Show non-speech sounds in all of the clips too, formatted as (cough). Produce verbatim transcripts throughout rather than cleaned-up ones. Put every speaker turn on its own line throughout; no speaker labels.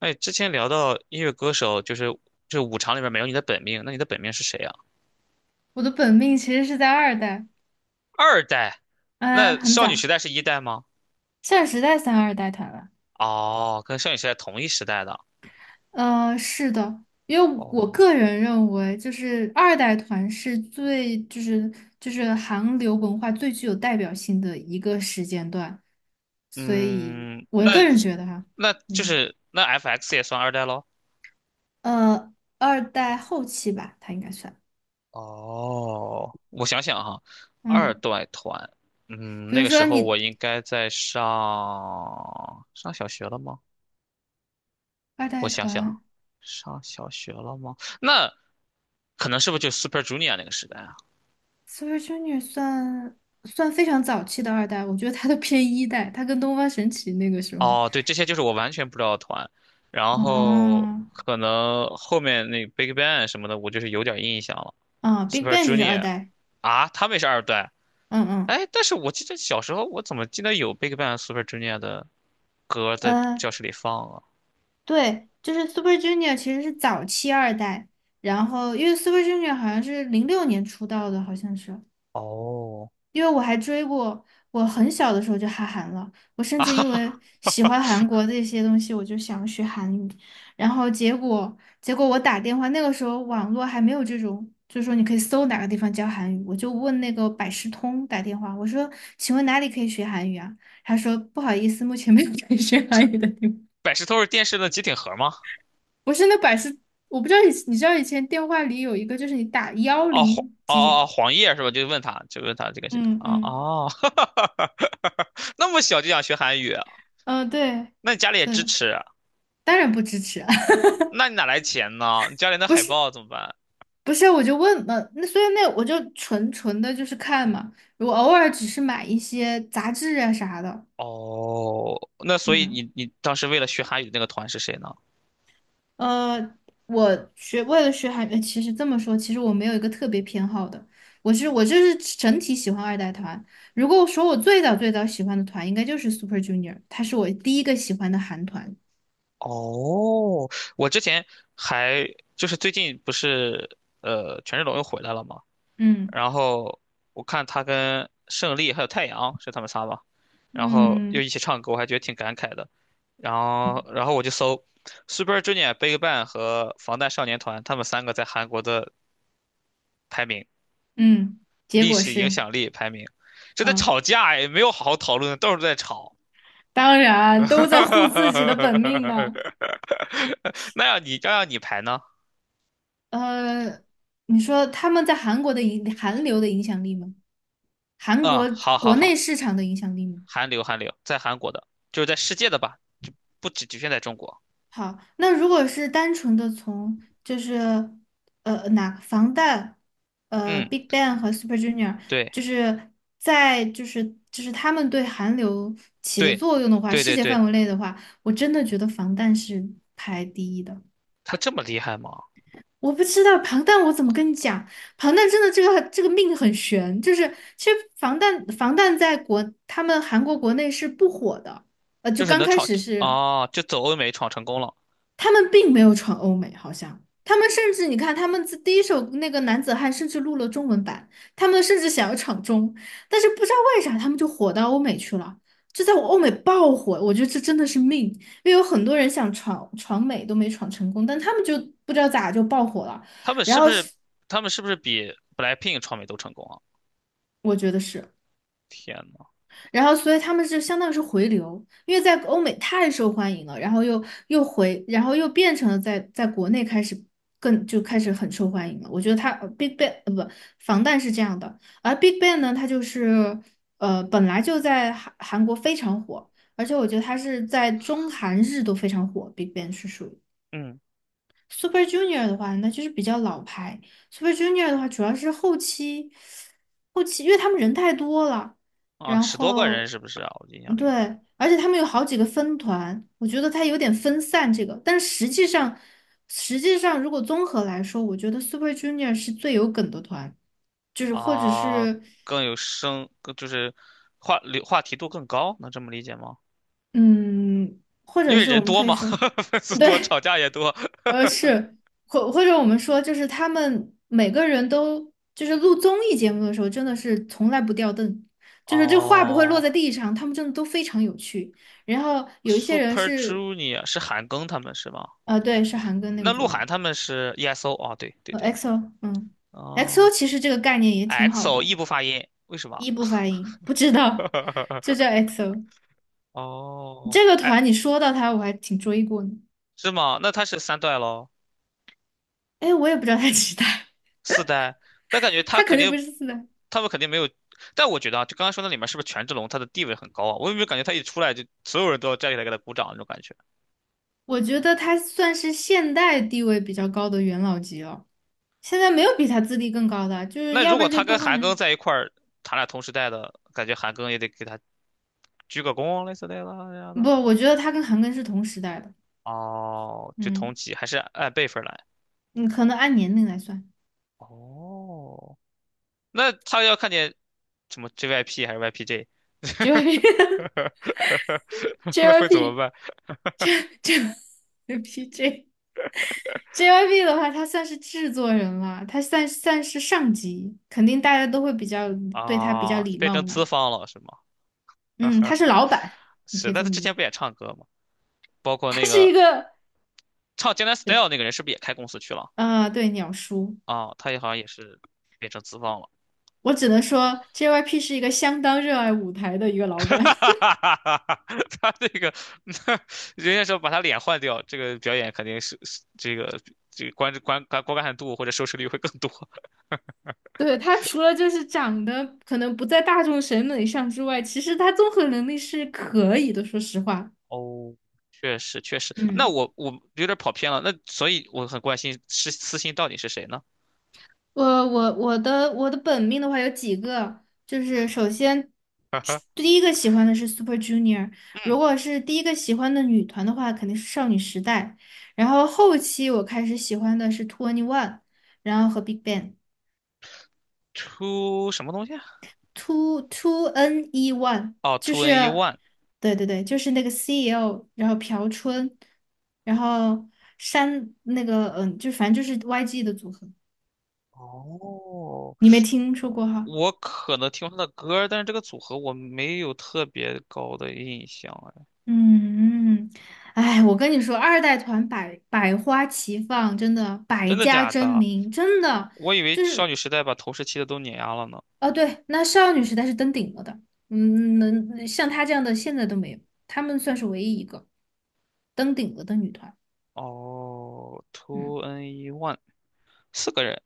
哎，之前聊到音乐歌手，就是就是五常里边没有你的本命，那你的本命是谁啊？
我的本命其实是在二代，
二代？
嗯、
那
很
少女
早。
时代是一代吗？
现在时代三二代团了。
哦，跟少女时代同一时代的。
呃，是的，因为
哦，
我个人认为，就是二代团是最就是就是韩流文化最具有代表性的一个时间段，所以
嗯，
我
那
个人觉得哈。
那就
嗯，
是那 F X 也算二代喽？
呃，二代后期吧，它应该算。
哦，我想想哈，二
嗯，
代团，嗯，
比
那
如
个时
说
候我
你
应该在上上小学了吗？
二
我
代
想想啊，
团。
上小学了吗？那可能是不是就 Super Junior 那个时代啊？
Super Junior 算算非常早期的二代，我觉得它都偏一代，它跟东方神起那个时候。
哦，对，这些就是我完全不知道的团，然后
哦。
可能后面那 Big Bang 什么的，我就是有点印象了。
啊，Big
Super
Bang 就是二
Junior
代。
啊，他们也是二段。
嗯嗯。
哎，但是我记得小时候我怎么记得有 Big Bang、Super Junior 的歌在
呃，
教室里放啊？
对，就是 Super Junior 其实是早期二代。然后因为 Super Junior 好像是零六年出道的，好像是。
哦，
因为我还追过。我很小的时候就哈韩了。我甚至因
啊，
为喜欢韩国这些东西，我就想学韩语。然后结果结果我打电话。那个时候网络还没有这种，就是说你可以搜哪个地方教韩语。我就问那个百事通打电话，我说请问哪里可以学韩语啊？他说不好意思，目前没有可以 (laughs) 学韩语的地方。
百事通是电视的机顶盒吗？
不是那百事。我不知道以你知道以前电话里有一个就是你打幺
哦，黄
零几
哦哦哦，
几。
黄页是吧？就问他，就问他这个是
嗯
啊
嗯
哦，(laughs) 那么小就想学韩语啊，
嗯，呃对，
那你家里也支
是
持啊，
当然不支持啊。
那你哪来钱呢？你家里那海报怎么办？
不是，我就问嘛。那所以那我就纯纯的就是看嘛。我偶尔只是买一些杂志啊啥的。
哦，那所以
嗯，
你你当时为了学韩语的那个团是谁呢？
呃，我学为了学韩语，呃其实这么说，其实我没有一个特别偏好的，我是我就是整体喜欢二代团。如果说我最早最早喜欢的团，应该就是 Super Junior,他是我第一个喜欢的韩团。
哦，我之前还就是最近不是呃权志龙又回来了嘛，
嗯
然后我看他跟胜利还有太阳是他们仨吧，然后又
嗯
一起唱歌，我还觉得挺感慨的。然后然后我就搜 Super Junior、BigBang 和防弹少年团，他们三个在韩国的排名，
嗯，结
历
果
史影
是。
响力排名，这在
嗯，
吵架也没有好好讨论，到处在吵。
当
(laughs) 哈
然都在护自己
哈
的本命呢。
哈那要你要让你排呢？
呃，你说他们在韩国的影韩流的影响力吗？韩
嗯，
国
好好
国内
好，
市场的影响力吗？
韩流韩流，在韩国的，就是在世界的吧，就不只局限在中国。
好，那如果是单纯的从就是呃哪防弹呃
嗯，
Big Bang 和 Super Junior,
对
就是在就是就是他们对韩流起的
对
作用的话，
对
世
对
界
对，
范围内的话，我真的觉得防弹是排第一的。
他这么厉害吗？
我不知道庞弹，我怎么跟你讲？庞弹真的这个这个命很悬。就是其实防弹防弹在国他们韩国国内是不火的。呃，
就
就
是
刚
能
开
闯
始是，
哦，就走欧美闯成功了。
他们并没有闯欧美。好像他们甚至你看他们自第一首那个男子汉甚至录了中文版，他们甚至想要闯中。但是不知道为啥他们就火到欧美去了，就在我欧美爆火，我觉得这真的是命。因为有很多人想闯闯美都没闯成功，但他们就不知道咋就爆火了。
他们
然
是
后
不是他们是不是比 BLACKPINK 闯美都成功啊？
我觉得是，
天呐，
然后所以他们是相当于是回流，因为在欧美太受欢迎了。然后又又回，然后又变成了在在国内开始更就开始很受欢迎了。我觉得他呃 Big Bang, 呃不，防弹是这样的。而 Big Bang 呢，它就是呃本来就在韩韩国非常火。而且我觉得它是在中韩日都非常火。Big Bang 是属于。
嗯
Super Junior 的话，那就是比较老牌。Super Junior 的话，主要是后期，后期因为他们人太多了。
啊，
然
十多个人
后，
是不是啊？我印象
嗯
里
对，而且他们有好几个分团，我觉得它有点分散这个。但实际上，实际上如果综合来说，我觉得 Super Junior 是最有梗的团。就是或者
啊，
是，
更有声，更就是话流话题度更高，能这么理解吗？
嗯，或
因
者
为
是我
人
们
多
可以
嘛，
说。
(laughs) 粉
(laughs)
丝多，
对。
吵架也多。
呃，是，或或者我们说，就是他们每个人都，就是录综艺节目的时候，真的是从来不掉凳，就是这话不会落
哦
在地上，他们真的都非常有趣。然后有一些人
，Super
是。
Junior 是韩庚他们是吗？
呃，对，是韩庚那个
那
组
鹿晗
合。
他们是 EXO 哦，对对
呃
对，
x o。 嗯 x o
哦
其实这个概念也
，E
挺
x
好
o
的。
异不发音，为什么？
一不发音，不知道。就叫
(laughs)
x o。
哦，
这个
哎，
团你说到他，我还挺追过呢。
是吗？那他是三代咯，
哎，我也不知道他几代。
四代，但感觉
(laughs)
他
他肯
肯
定不
定，
是四代。
他们肯定没有。但我觉得啊，就刚刚说那里面是不是权志龙他的地位很高啊？我有没有感觉他一出来就所有人都要站起来给他鼓掌那种感觉？
我觉得他算是现代地位比较高的元老级了。现在没有比他资历更高的啊。就是
那
要
如
不
果
然就
他跟
东方
韩庚
神。
在一块儿，他俩同时代的，感觉韩庚也得给他鞠个躬，类似类似这样
不，
的。
我觉得他跟韩庚是同时代的。
哦，就同
嗯，
级，还是按辈分来。
你可能按年龄来算
哦，那他要看见什么 J Y P 还是 Y P J，
，JYP。 (laughs)
(laughs) 那会怎么
JYP
办
JYPJ JYP (laughs) 的话，他算是制作人了，他算算是上级，肯定大家都会比较对他比较
啊？
礼
变
貌
成
嘛。
资方了是吗？
嗯，他是老板。你可
是，
以
但
这
他
么
之
理
前
解。
不也唱歌吗？包括
他
那
是一
个
个。
唱《江南
对。
Style》那个人，是不是也开公司去了？
啊、对，鸟叔。
啊，他也好像也是变成资方了。
我只能说，J Y P 是一个相当热爱舞台的一个
(laughs)
老板。(laughs)
哈，他这个，(laughs) 人家说把他脸换掉，这个表演肯定是是这个这个观观观观看度或者收视率会更多。
对，他除了就是长得可能不在大众审美上之外，其实他综合能力是可以的。说实话。
哦，确实确实，那
嗯，
我我有点跑偏了，那所以我很关心是私信到底是谁呢？
我我我的我的本命的话有几个。就是首先
(laughs)
第一个喜欢的是 Super Junior。如
嗯
果是第一个喜欢的女团的话，肯定是少女时代。然后后期我开始喜欢的是 Twenty One,然后和 Big Bang。
，Two 什么东西啊？
two two n e one。
哦
就
，Two
是
N E One。
对对对，就是那个 C L,然后朴春，然后山那个嗯，就反正就是 Y G 的组合。
哦，
你没听说过哈？
我可能听过他的歌，但是这个组合我没有特别高的印象哎，
嗯。哎，我跟你说，二代团百百花齐放，真的百
真的
家
假
争
的？
鸣。真的
我以为
就
少
是。
女时代把头十七的都碾压了呢。
哦，对，那少女时代是登顶了的。嗯，能像她这样的现在都没有，她们算是唯一一个登顶了的女团。
哦
嗯。
，two n e one 四个人，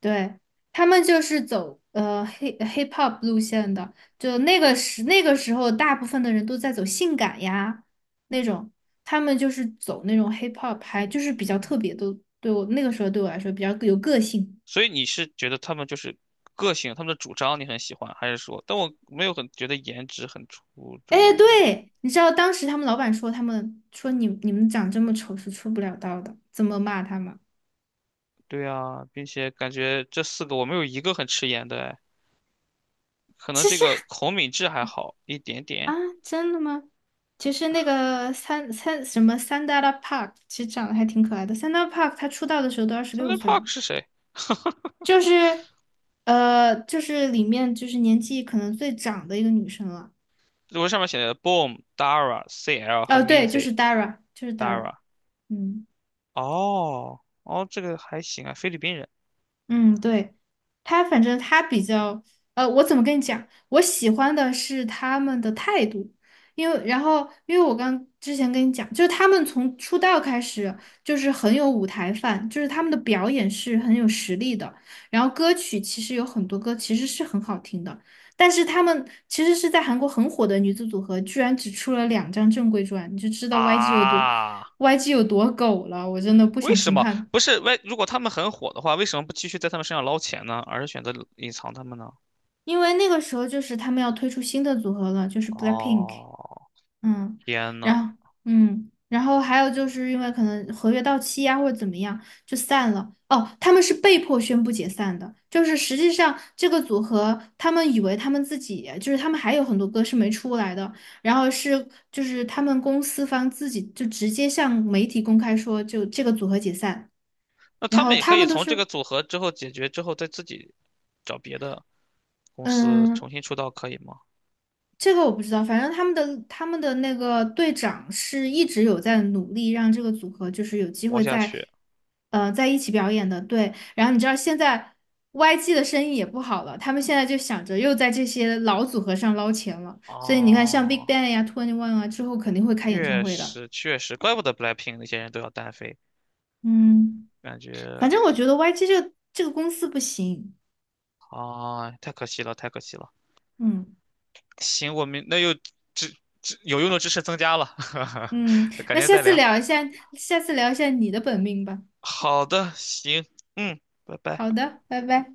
对，他们就是走呃 hip hip hop 路线的。就那个时那个时候，大部分的人都在走性感呀那种。他们就是走那种 hip hop 拍，就是比较特别的。对我那个时候对我来说比较有个性。
所以你是觉得他们就是个性，他们的主张你很喜欢，还是说？但我没有很觉得颜值很出
哎，
众，哎，
对，你知道当时他们老板说他们说你你们长这么丑是出不了道的，怎么骂他们？
对啊，并且感觉这四个我没有一个很吃颜的，哎，可能
其
这
实
个孔敏智还好一点
啊，
点。
真的吗？其实那个三三什么三 a n d a Park,其实长得还挺可爱的。三 a n d a Park 他出道的时候都二十
s o u t h
六
e
岁了。
Park 是谁？
就是，呃，就是里面就是年纪可能最长的一个女生了。
我上面写的 Boom、Dara、C L 和
哦，对，就
Minzy、
是 Dara,就是 Dara。
Dara。
嗯。
哦，哦，这个还行啊，菲律宾人
嗯，对，他反正他比较。呃，我怎么跟你讲？我喜欢的是他们的态度。因为然后因为我刚之前跟你讲，就是他们从出道开始就是很有舞台范，就是他们的表演是很有实力的。然后歌曲其实有很多歌其实是很好听的。但是他们其实是在韩国很火的女子组合，居然只出了两张正规专，你就知道 Y G 有多
啊。
Y G 有多狗了。我真的不
为
想
什
评
么
判。
不是？为如果他们很火的话，为什么不继续在他们身上捞钱呢？而是选择隐藏他们呢？
因为那个时候就是他们要推出新的组合了，就是 BLACKPINK。
哦，
嗯，
天呐，
然后嗯，然后还有就是因为可能合约到期呀、或者怎么样就散了。哦，他们是被迫宣布解散的。就是实际上这个组合，他们以为他们自己就是他们还有很多歌是没出来的。然后是就是他们公司方自己就直接向媒体公开说就这个组合解散。
那
然
他
后
们也可
他
以
们都
从这个
是。
组合之后解决之后，再自己找别的公司
嗯，
重新出道，可以吗？
这个我不知道。反正他们的他们的那个队长是一直有在努力让这个组合就是有机
活
会
下
在，
去。
呃，在一起表演的。对。然后你知道现在 Y G 的生意也不好了，他们现在就想着又在这些老组合上捞钱了。所以你看，像 Big
哦，
Bang 呀、Twenty One 啊，之后肯定会开演唱
确
会的。
实确实，怪不得 BLACKPINK 那些人都要单飞，
嗯，
感觉
反正我觉得 Y G 这个这个公司不行。
啊，太可惜了，太可惜了。
嗯
行，我们那又知知有用的知识增加了，
嗯。
(laughs) 改
那
天
下
再
次
聊。
聊一下，下次聊一下你的本命吧。
好的，行，嗯，拜拜。
好的，拜拜。